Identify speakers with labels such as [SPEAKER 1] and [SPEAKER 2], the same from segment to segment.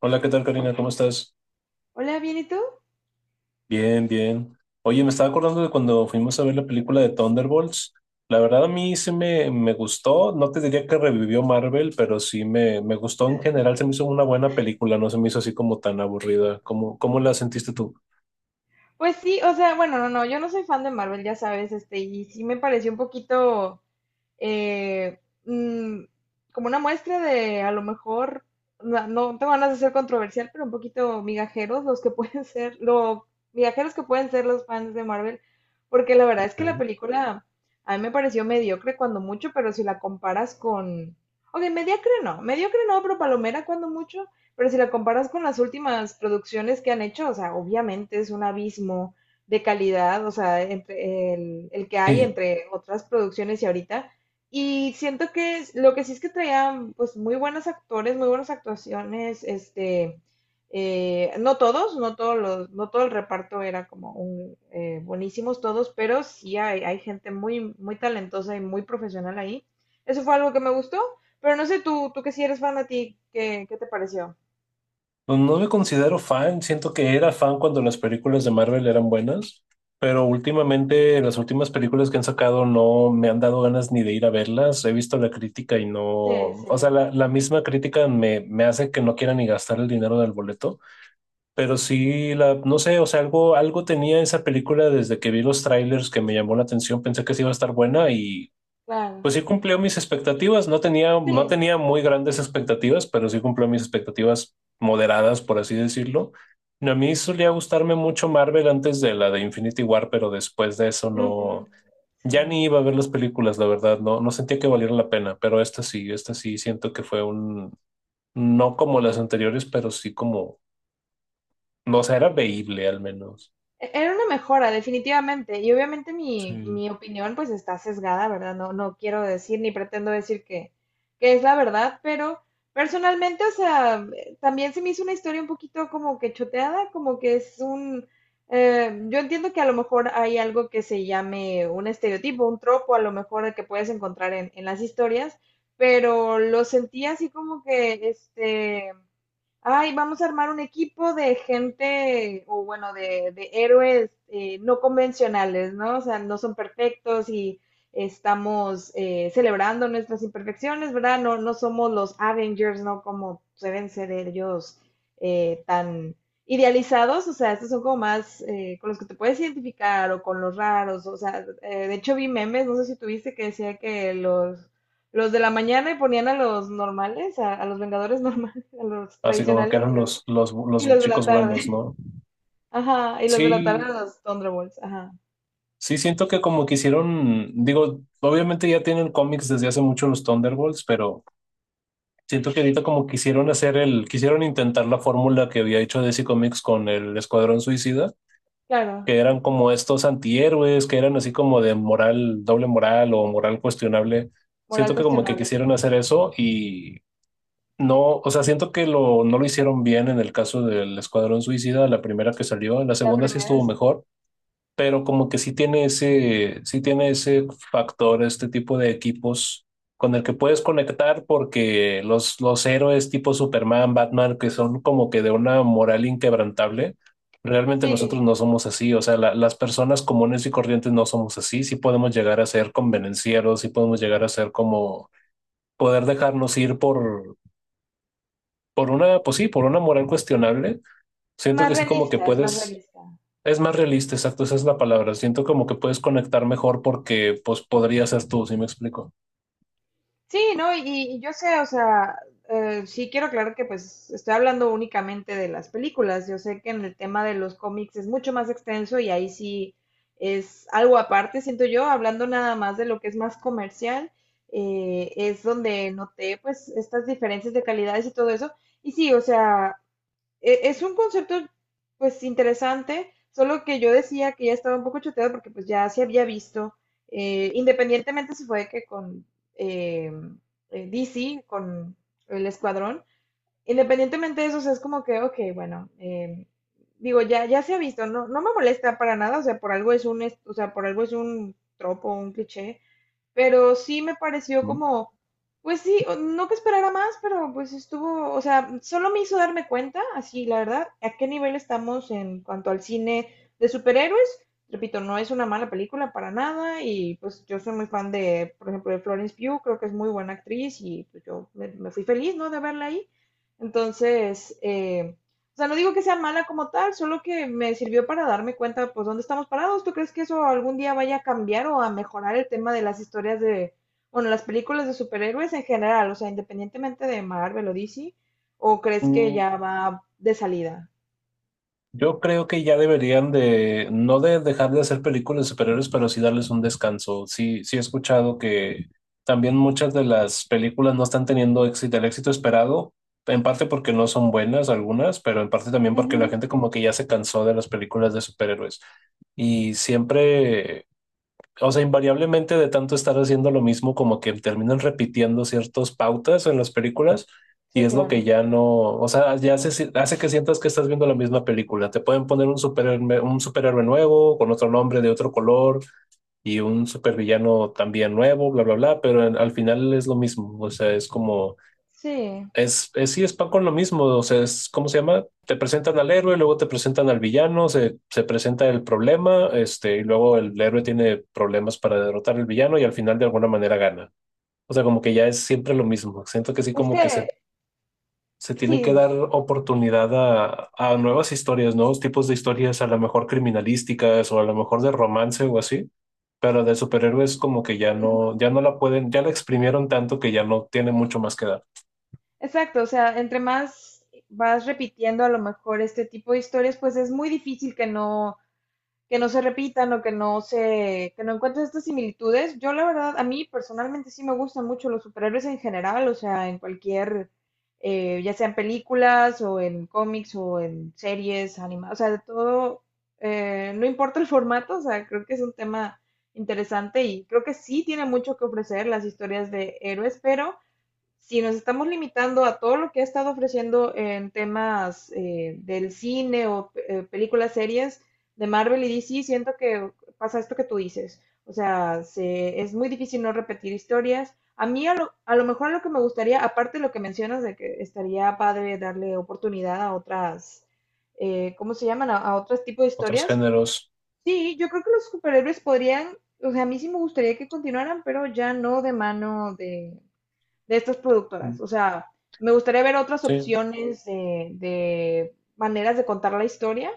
[SPEAKER 1] Hola, ¿qué tal, Karina? ¿Cómo estás?
[SPEAKER 2] Hola, ¿bien y tú?
[SPEAKER 1] Bien, bien. Oye, me estaba acordando de cuando fuimos a ver la película de Thunderbolts. La verdad, a mí sí me gustó. No te diría que revivió Marvel, pero sí me gustó en general. Se me hizo una buena película, no se me hizo así como tan aburrida. ¿Cómo la sentiste tú?
[SPEAKER 2] Pues sí, o sea, bueno, no, no, yo no soy fan de Marvel, ya sabes, y sí me pareció un poquito, eh, mm, como una muestra de a lo mejor, no, no tengo ganas de ser controversial, pero un poquito migajeros los que pueden ser, lo migajeros que pueden ser los fans de Marvel, porque la verdad es que la
[SPEAKER 1] Ok.
[SPEAKER 2] película a mí me pareció mediocre cuando mucho, pero si la comparas con, ok, mediocre no, pero palomera cuando mucho, pero si la comparas con las últimas producciones que han hecho, o sea, obviamente es un abismo de calidad, o sea, entre el que hay entre otras producciones y ahorita, y siento que lo que sí es que traían pues muy buenos actores, muy buenas actuaciones, no todos, no todo el reparto era como un, buenísimos todos, pero sí hay gente muy, muy talentosa y muy profesional ahí. Eso fue algo que me gustó, pero no sé tú, tú que sí eres fan a ti, ¿ qué te pareció?
[SPEAKER 1] Pues no me considero fan, siento que era fan cuando las películas de Marvel eran buenas, pero últimamente las últimas películas que han sacado no me han dado ganas ni de ir a verlas, he visto la crítica y no,
[SPEAKER 2] Sí, sí,
[SPEAKER 1] o sea, la misma crítica me hace que no quiera ni gastar el dinero del boleto, pero sí, la, no sé, o sea, algo tenía esa película desde que vi los trailers que me llamó la atención, pensé que sí iba a estar buena y
[SPEAKER 2] claro.
[SPEAKER 1] pues sí cumplió mis expectativas, no tenía, no
[SPEAKER 2] Sí.
[SPEAKER 1] tenía muy grandes expectativas, pero sí cumplió mis expectativas moderadas, por así decirlo. A mí solía gustarme mucho Marvel antes de la de Infinity War, pero después de eso
[SPEAKER 2] Ujú.
[SPEAKER 1] no, ya
[SPEAKER 2] Sí.
[SPEAKER 1] ni iba a ver las películas, la verdad, no, no sentía que valiera la pena, pero esta sí siento que fue un, no como las anteriores, pero sí como, no, o sea, era veíble al menos.
[SPEAKER 2] Era una mejora, definitivamente. Y obviamente
[SPEAKER 1] Sí.
[SPEAKER 2] mi opinión pues está sesgada, ¿verdad? No, no quiero decir ni pretendo decir que es la verdad, pero personalmente, o sea, también se me hizo una historia un poquito como que choteada, como que es un... yo entiendo que a lo mejor hay algo que se llame un estereotipo, un tropo, a lo mejor que puedes encontrar en las historias, pero lo sentí así como que, este, ay, vamos a armar un equipo de gente, o bueno, de héroes no convencionales, ¿no? O sea, no son perfectos y estamos, celebrando nuestras imperfecciones, ¿verdad? No, no somos los Avengers, ¿no? Como deben ser ellos, tan idealizados, o sea, estos son como más, con los que te puedes identificar o con los raros, o sea, de hecho vi memes, no sé si tuviste que decía que los de la mañana ponían a los normales, a los Vengadores normales a los
[SPEAKER 1] Así como que
[SPEAKER 2] tradicionales
[SPEAKER 1] eran
[SPEAKER 2] y,
[SPEAKER 1] los, los,
[SPEAKER 2] y
[SPEAKER 1] los
[SPEAKER 2] los de la
[SPEAKER 1] chicos buenos,
[SPEAKER 2] tarde.
[SPEAKER 1] ¿no?
[SPEAKER 2] Ajá, y los de la tarde
[SPEAKER 1] Sí,
[SPEAKER 2] a los Thunderbolts. Ajá,
[SPEAKER 1] sí, siento que como que hicieron, digo, obviamente ya tienen cómics desde hace mucho los Thunderbolts, pero siento que ahorita como quisieron hacer el, quisieron intentar la fórmula que había hecho DC Comics con el Escuadrón Suicida,
[SPEAKER 2] claro.
[SPEAKER 1] que eran como estos antihéroes, que eran así como de moral, doble moral o moral cuestionable.
[SPEAKER 2] Moral
[SPEAKER 1] Siento que como que
[SPEAKER 2] cuestionable, sí.
[SPEAKER 1] quisieron hacer eso y no, o sea, siento que lo, no lo hicieron bien en el caso del Escuadrón Suicida, la primera que salió, la
[SPEAKER 2] La
[SPEAKER 1] segunda sí
[SPEAKER 2] primera
[SPEAKER 1] estuvo
[SPEAKER 2] sí.
[SPEAKER 1] mejor pero como que sí tiene ese factor, este tipo de equipos con el que puedes conectar porque los héroes tipo Superman, Batman, que son como que de una moral inquebrantable, realmente nosotros
[SPEAKER 2] Sí,
[SPEAKER 1] no somos así, o sea, las personas comunes y corrientes no somos así, sí podemos llegar a ser convenencieros, sí podemos llegar a ser como poder dejarnos ir por una, pues sí, por una moral cuestionable.
[SPEAKER 2] es
[SPEAKER 1] Siento
[SPEAKER 2] más
[SPEAKER 1] que sí como que
[SPEAKER 2] realista, es más
[SPEAKER 1] puedes
[SPEAKER 2] realista.
[SPEAKER 1] es más realista, exacto, esa es la palabra. Siento como que puedes conectar mejor porque pues podría ser tú, si me explico.
[SPEAKER 2] Sí, ¿no? Y yo sé, o sea, sí quiero aclarar que pues estoy hablando únicamente de las películas. Yo sé que en el tema de los cómics es mucho más extenso y ahí sí es algo aparte, siento yo, hablando nada más de lo que es más comercial, es donde noté pues estas diferencias de calidades y todo eso. Y sí, o sea, es un concepto pues interesante, solo que yo decía que ya estaba un poco choteado porque pues ya se había visto, independientemente si fue que con eh, DC, con el escuadrón, independientemente de eso, o sea, es como que, ok, bueno, digo, ya se ha visto, no, no me molesta para nada, o sea, por algo es un, o sea, por algo es un tropo, un cliché, pero sí me pareció
[SPEAKER 1] Mm.
[SPEAKER 2] como, pues sí, no que esperara más, pero pues estuvo, o sea, solo me hizo darme cuenta, así la verdad, a qué nivel estamos en cuanto al cine de superhéroes. Repito, no es una mala película para nada y pues yo soy muy fan de, por ejemplo, de Florence Pugh, creo que es muy buena actriz y pues me fui feliz, ¿no? De verla ahí. Entonces, o sea, no digo que sea mala como tal, solo que me sirvió para darme cuenta, pues, dónde estamos parados. ¿Tú crees que eso algún día vaya a cambiar o a mejorar el tema de las historias de, bueno, las películas de superhéroes en general? O sea, independientemente de Marvel o DC, ¿o crees que
[SPEAKER 1] Mm,
[SPEAKER 2] ya va de salida?
[SPEAKER 1] yo creo que ya deberían de, no de dejar de hacer películas superiores, pero sí darles un descanso. Sí, sí he escuchado que también muchas de las películas no están teniendo éxito, el éxito esperado, en parte porque no son buenas algunas, pero en parte también porque la
[SPEAKER 2] Ujú.
[SPEAKER 1] gente como que ya se cansó de las películas de superhéroes. Y siempre, o sea, invariablemente de tanto estar haciendo lo mismo, como que terminan repitiendo ciertas pautas en las películas y
[SPEAKER 2] Sí,
[SPEAKER 1] es lo que
[SPEAKER 2] claro.
[SPEAKER 1] ya no, o sea, ya hace que sientas que estás viendo la misma película. Te pueden poner un superhéroe nuevo, con otro nombre, de otro color y un supervillano también nuevo, bla, bla, bla, pero en- al final es lo mismo. O sea, es como
[SPEAKER 2] Sí.
[SPEAKER 1] es, sí, es pan con lo mismo, o sea, es, ¿cómo se llama? Te presentan al héroe, luego te presentan al villano, se presenta el problema, este, y luego el héroe tiene problemas para derrotar al villano y al final de alguna manera gana. O sea, como que ya es siempre lo mismo. Siento que sí,
[SPEAKER 2] Es
[SPEAKER 1] como que
[SPEAKER 2] que,
[SPEAKER 1] se
[SPEAKER 2] sí,
[SPEAKER 1] tiene que
[SPEAKER 2] dime.
[SPEAKER 1] dar oportunidad a nuevas historias, nuevos tipos de historias, a lo mejor criminalísticas o a lo mejor de romance o así, pero de superhéroes como que ya
[SPEAKER 2] Ujú.
[SPEAKER 1] no, ya no la pueden, ya la exprimieron tanto que ya no tiene mucho más que dar.
[SPEAKER 2] Exacto, o sea, entre más vas repitiendo a lo mejor este tipo de historias, pues es muy difícil que no se repitan o que no se, que no encuentres estas similitudes. Yo la verdad, a mí personalmente sí me gustan mucho los superhéroes en general, o sea, en cualquier, ya sean películas o en cómics o en series, animadas, o sea, de todo, no importa el formato, o sea, creo que es un tema interesante y creo que sí tiene mucho que ofrecer las historias de héroes, pero si nos estamos limitando a todo lo que ha estado ofreciendo en temas, del cine o películas, series de Marvel y DC, siento que pasa esto que tú dices. O sea, es muy difícil no repetir historias. A mí a lo mejor lo que me gustaría, aparte de lo que mencionas, de que estaría padre darle oportunidad a otras, ¿cómo se llaman? A otros tipos de
[SPEAKER 1] Otros
[SPEAKER 2] historias.
[SPEAKER 1] géneros.
[SPEAKER 2] Sí, yo creo que los superhéroes podrían, o sea, a mí sí me gustaría que continuaran, pero ya no de mano de estas productoras. O
[SPEAKER 1] Mm,
[SPEAKER 2] sea, me gustaría ver otras
[SPEAKER 1] sí,
[SPEAKER 2] opciones de maneras de contar la historia,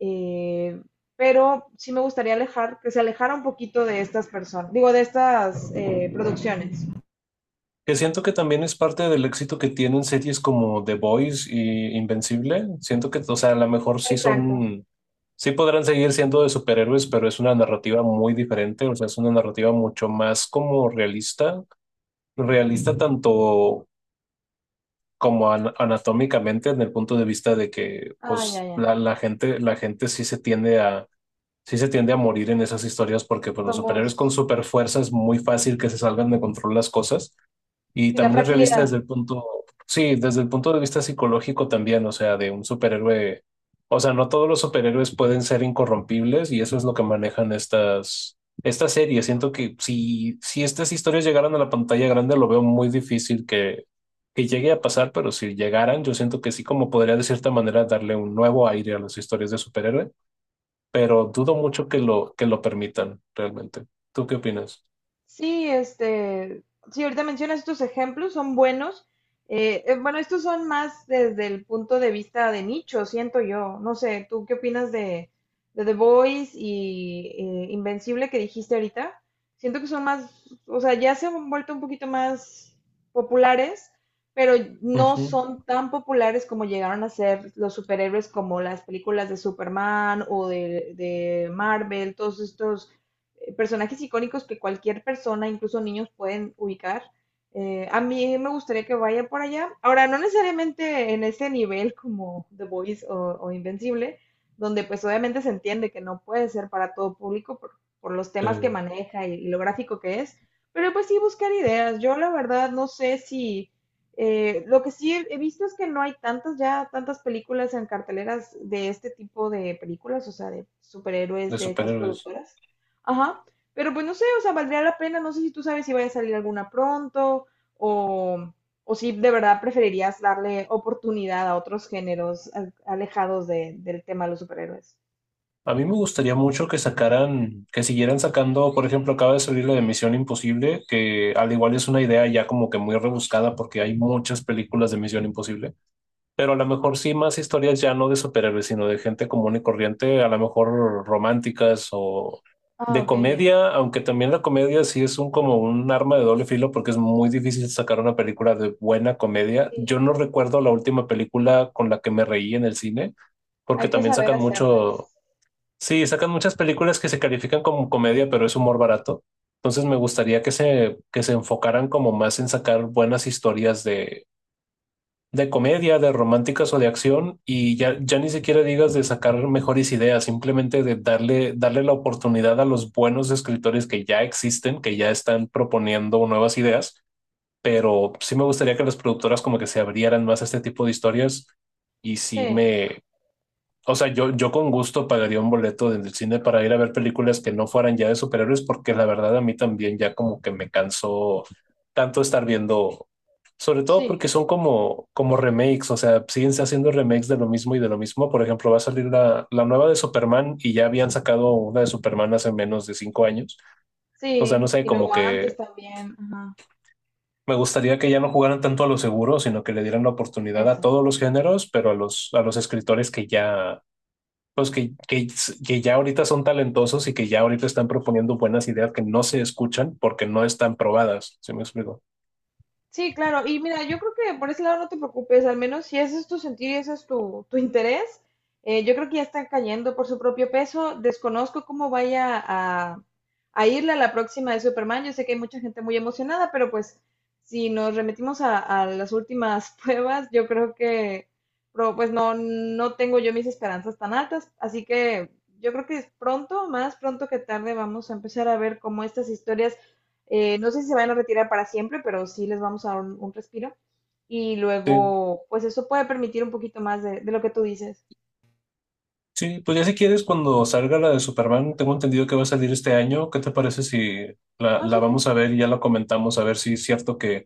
[SPEAKER 2] eh, pero sí me gustaría alejar, que se alejara un poquito de estas personas, digo, de estas, producciones.
[SPEAKER 1] que siento que también es parte del éxito que tienen series como The Boys y Invencible. Siento que, o sea, a lo mejor sí
[SPEAKER 2] Exacto.
[SPEAKER 1] son, sí podrán seguir siendo de superhéroes, pero es una narrativa muy diferente, o sea, es una narrativa mucho más como realista, realista tanto como anatómicamente en el punto de vista de que,
[SPEAKER 2] Ah, ya,
[SPEAKER 1] pues, la,
[SPEAKER 2] ya.
[SPEAKER 1] la gente, la gente sí se tiende a, sí se tiende a morir en esas historias porque, pues, los superhéroes con
[SPEAKER 2] Somos,
[SPEAKER 1] super fuerza es muy fácil que se salgan de control las cosas. Y
[SPEAKER 2] sí, la
[SPEAKER 1] también es realista
[SPEAKER 2] fragilidad.
[SPEAKER 1] desde el punto, sí, desde el punto de vista psicológico también, o sea, de un superhéroe. O sea, no todos los superhéroes pueden ser incorrompibles y eso es lo que manejan estas series. Siento que si estas historias llegaran a la pantalla grande, lo veo muy difícil que llegue a pasar, pero si llegaran, yo siento que sí, como podría de cierta manera darle un nuevo aire a las historias de superhéroe, pero dudo mucho que lo permitan realmente. ¿Tú qué opinas?
[SPEAKER 2] Sí, sí, ahorita mencionas estos ejemplos, son buenos. Bueno, estos son más desde el punto de vista de nicho, siento yo. No sé, ¿tú qué opinas de The Voice y Invencible que dijiste ahorita? Siento que son más, o sea, ya se han vuelto un poquito más populares, pero no
[SPEAKER 1] Ujú,
[SPEAKER 2] son tan populares como llegaron a ser los superhéroes como las películas de Superman o de Marvel, todos estos, personajes icónicos que cualquier persona, incluso niños, pueden ubicar. A mí me gustaría que vaya por allá. Ahora, no necesariamente en ese nivel como The Voice o Invencible, donde pues obviamente se entiende que no puede ser para todo público por los temas que
[SPEAKER 1] De,
[SPEAKER 2] maneja y lo gráfico que es, pero pues sí buscar ideas. Yo la verdad no sé si... lo que sí he visto es que no hay tantas ya, tantas películas en carteleras de este tipo de películas, o sea, de
[SPEAKER 1] de
[SPEAKER 2] superhéroes de estas
[SPEAKER 1] superhéroes.
[SPEAKER 2] productoras. Ajá. Pero pues no sé, o sea, valdría la pena. No sé si tú sabes si vaya a salir alguna pronto o, o si de verdad preferirías darle oportunidad a otros géneros alejados del tema de los superhéroes.
[SPEAKER 1] A mí me gustaría mucho que sacaran, que siguieran sacando, por ejemplo, acaba de salir la de Misión Imposible, que al igual es una idea ya como que muy rebuscada porque hay muchas películas de Misión Imposible, pero a lo mejor sí más historias ya no de superhéroes, sino de gente común y corriente, a lo mejor románticas o
[SPEAKER 2] Ah,
[SPEAKER 1] de
[SPEAKER 2] ok, ya.
[SPEAKER 1] comedia, aunque también la comedia sí es un como un arma de doble filo porque es muy difícil sacar una película de buena comedia. Yo
[SPEAKER 2] Sí.
[SPEAKER 1] no recuerdo la última película con la que me reí en el cine porque
[SPEAKER 2] Hay que
[SPEAKER 1] también
[SPEAKER 2] saber
[SPEAKER 1] sacan mucho.
[SPEAKER 2] hacerlas.
[SPEAKER 1] Sí, sacan muchas películas que se califican como comedia, pero es humor barato. Entonces me gustaría que se enfocaran como más en sacar buenas historias de comedia, de románticas o de acción, y ya, ya ni siquiera digas de sacar mejores ideas, simplemente de darle, darle la oportunidad a los buenos escritores que ya existen, que ya están proponiendo nuevas ideas, pero sí me gustaría que las productoras como que se abrieran más a este tipo de historias y
[SPEAKER 2] Sí,
[SPEAKER 1] sí me, o sea, yo con gusto pagaría un boleto del cine para ir a ver películas que no fueran ya de superhéroes, porque la verdad a mí también ya como que me cansó tanto estar viendo, sobre todo
[SPEAKER 2] sí,
[SPEAKER 1] porque son como, como remakes, o sea, siguen haciendo remakes de lo mismo y de lo mismo. Por ejemplo, va a salir la nueva de Superman y ya habían sacado una de Superman hace menos de 5 años. O sea, no
[SPEAKER 2] sí.
[SPEAKER 1] sé,
[SPEAKER 2] Y
[SPEAKER 1] como
[SPEAKER 2] luego antes
[SPEAKER 1] que
[SPEAKER 2] también. Ajá.
[SPEAKER 1] me gustaría que ya no jugaran tanto a lo seguro, sino que le dieran la oportunidad a
[SPEAKER 2] Eso.
[SPEAKER 1] todos los géneros, pero a los escritores que ya pues que ya ahorita son talentosos y que ya ahorita están proponiendo buenas ideas que no se escuchan porque no están probadas, ¿sí me explico?
[SPEAKER 2] Sí, claro. Y mira, yo creo que por ese lado no te preocupes, al menos si ese es tu sentir y ese es tu interés, yo creo que ya están cayendo por su propio peso. Desconozco cómo vaya a irle a la próxima de Superman. Yo sé que hay mucha gente muy emocionada, pero pues si nos remitimos a las últimas pruebas, yo creo que pues no, no tengo yo mis esperanzas tan altas. Así que yo creo que pronto, más pronto que tarde, vamos a empezar a ver cómo estas historias, no sé si se van a retirar para siempre, pero sí les vamos a dar un respiro. Y
[SPEAKER 1] Sí,
[SPEAKER 2] luego, pues eso puede permitir un poquito más de lo que tú dices.
[SPEAKER 1] sí, pues ya si quieres, cuando salga la de Superman, tengo entendido que va a salir este año, ¿qué te parece si la,
[SPEAKER 2] Ah,
[SPEAKER 1] la
[SPEAKER 2] súper.
[SPEAKER 1] vamos a ver y ya la comentamos a ver si es cierto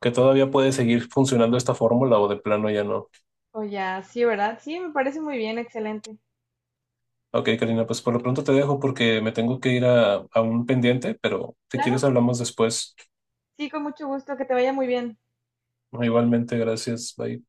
[SPEAKER 1] que todavía puede seguir funcionando esta fórmula o de plano ya no?
[SPEAKER 2] O ya, sí, ¿verdad? Sí, me parece muy bien, excelente.
[SPEAKER 1] Ok, Karina, pues por lo pronto te dejo porque me tengo que ir a un pendiente, pero si quieres
[SPEAKER 2] Claro,
[SPEAKER 1] hablamos después.
[SPEAKER 2] sí, con mucho gusto, que te vaya muy bien.
[SPEAKER 1] Igualmente, gracias, bye.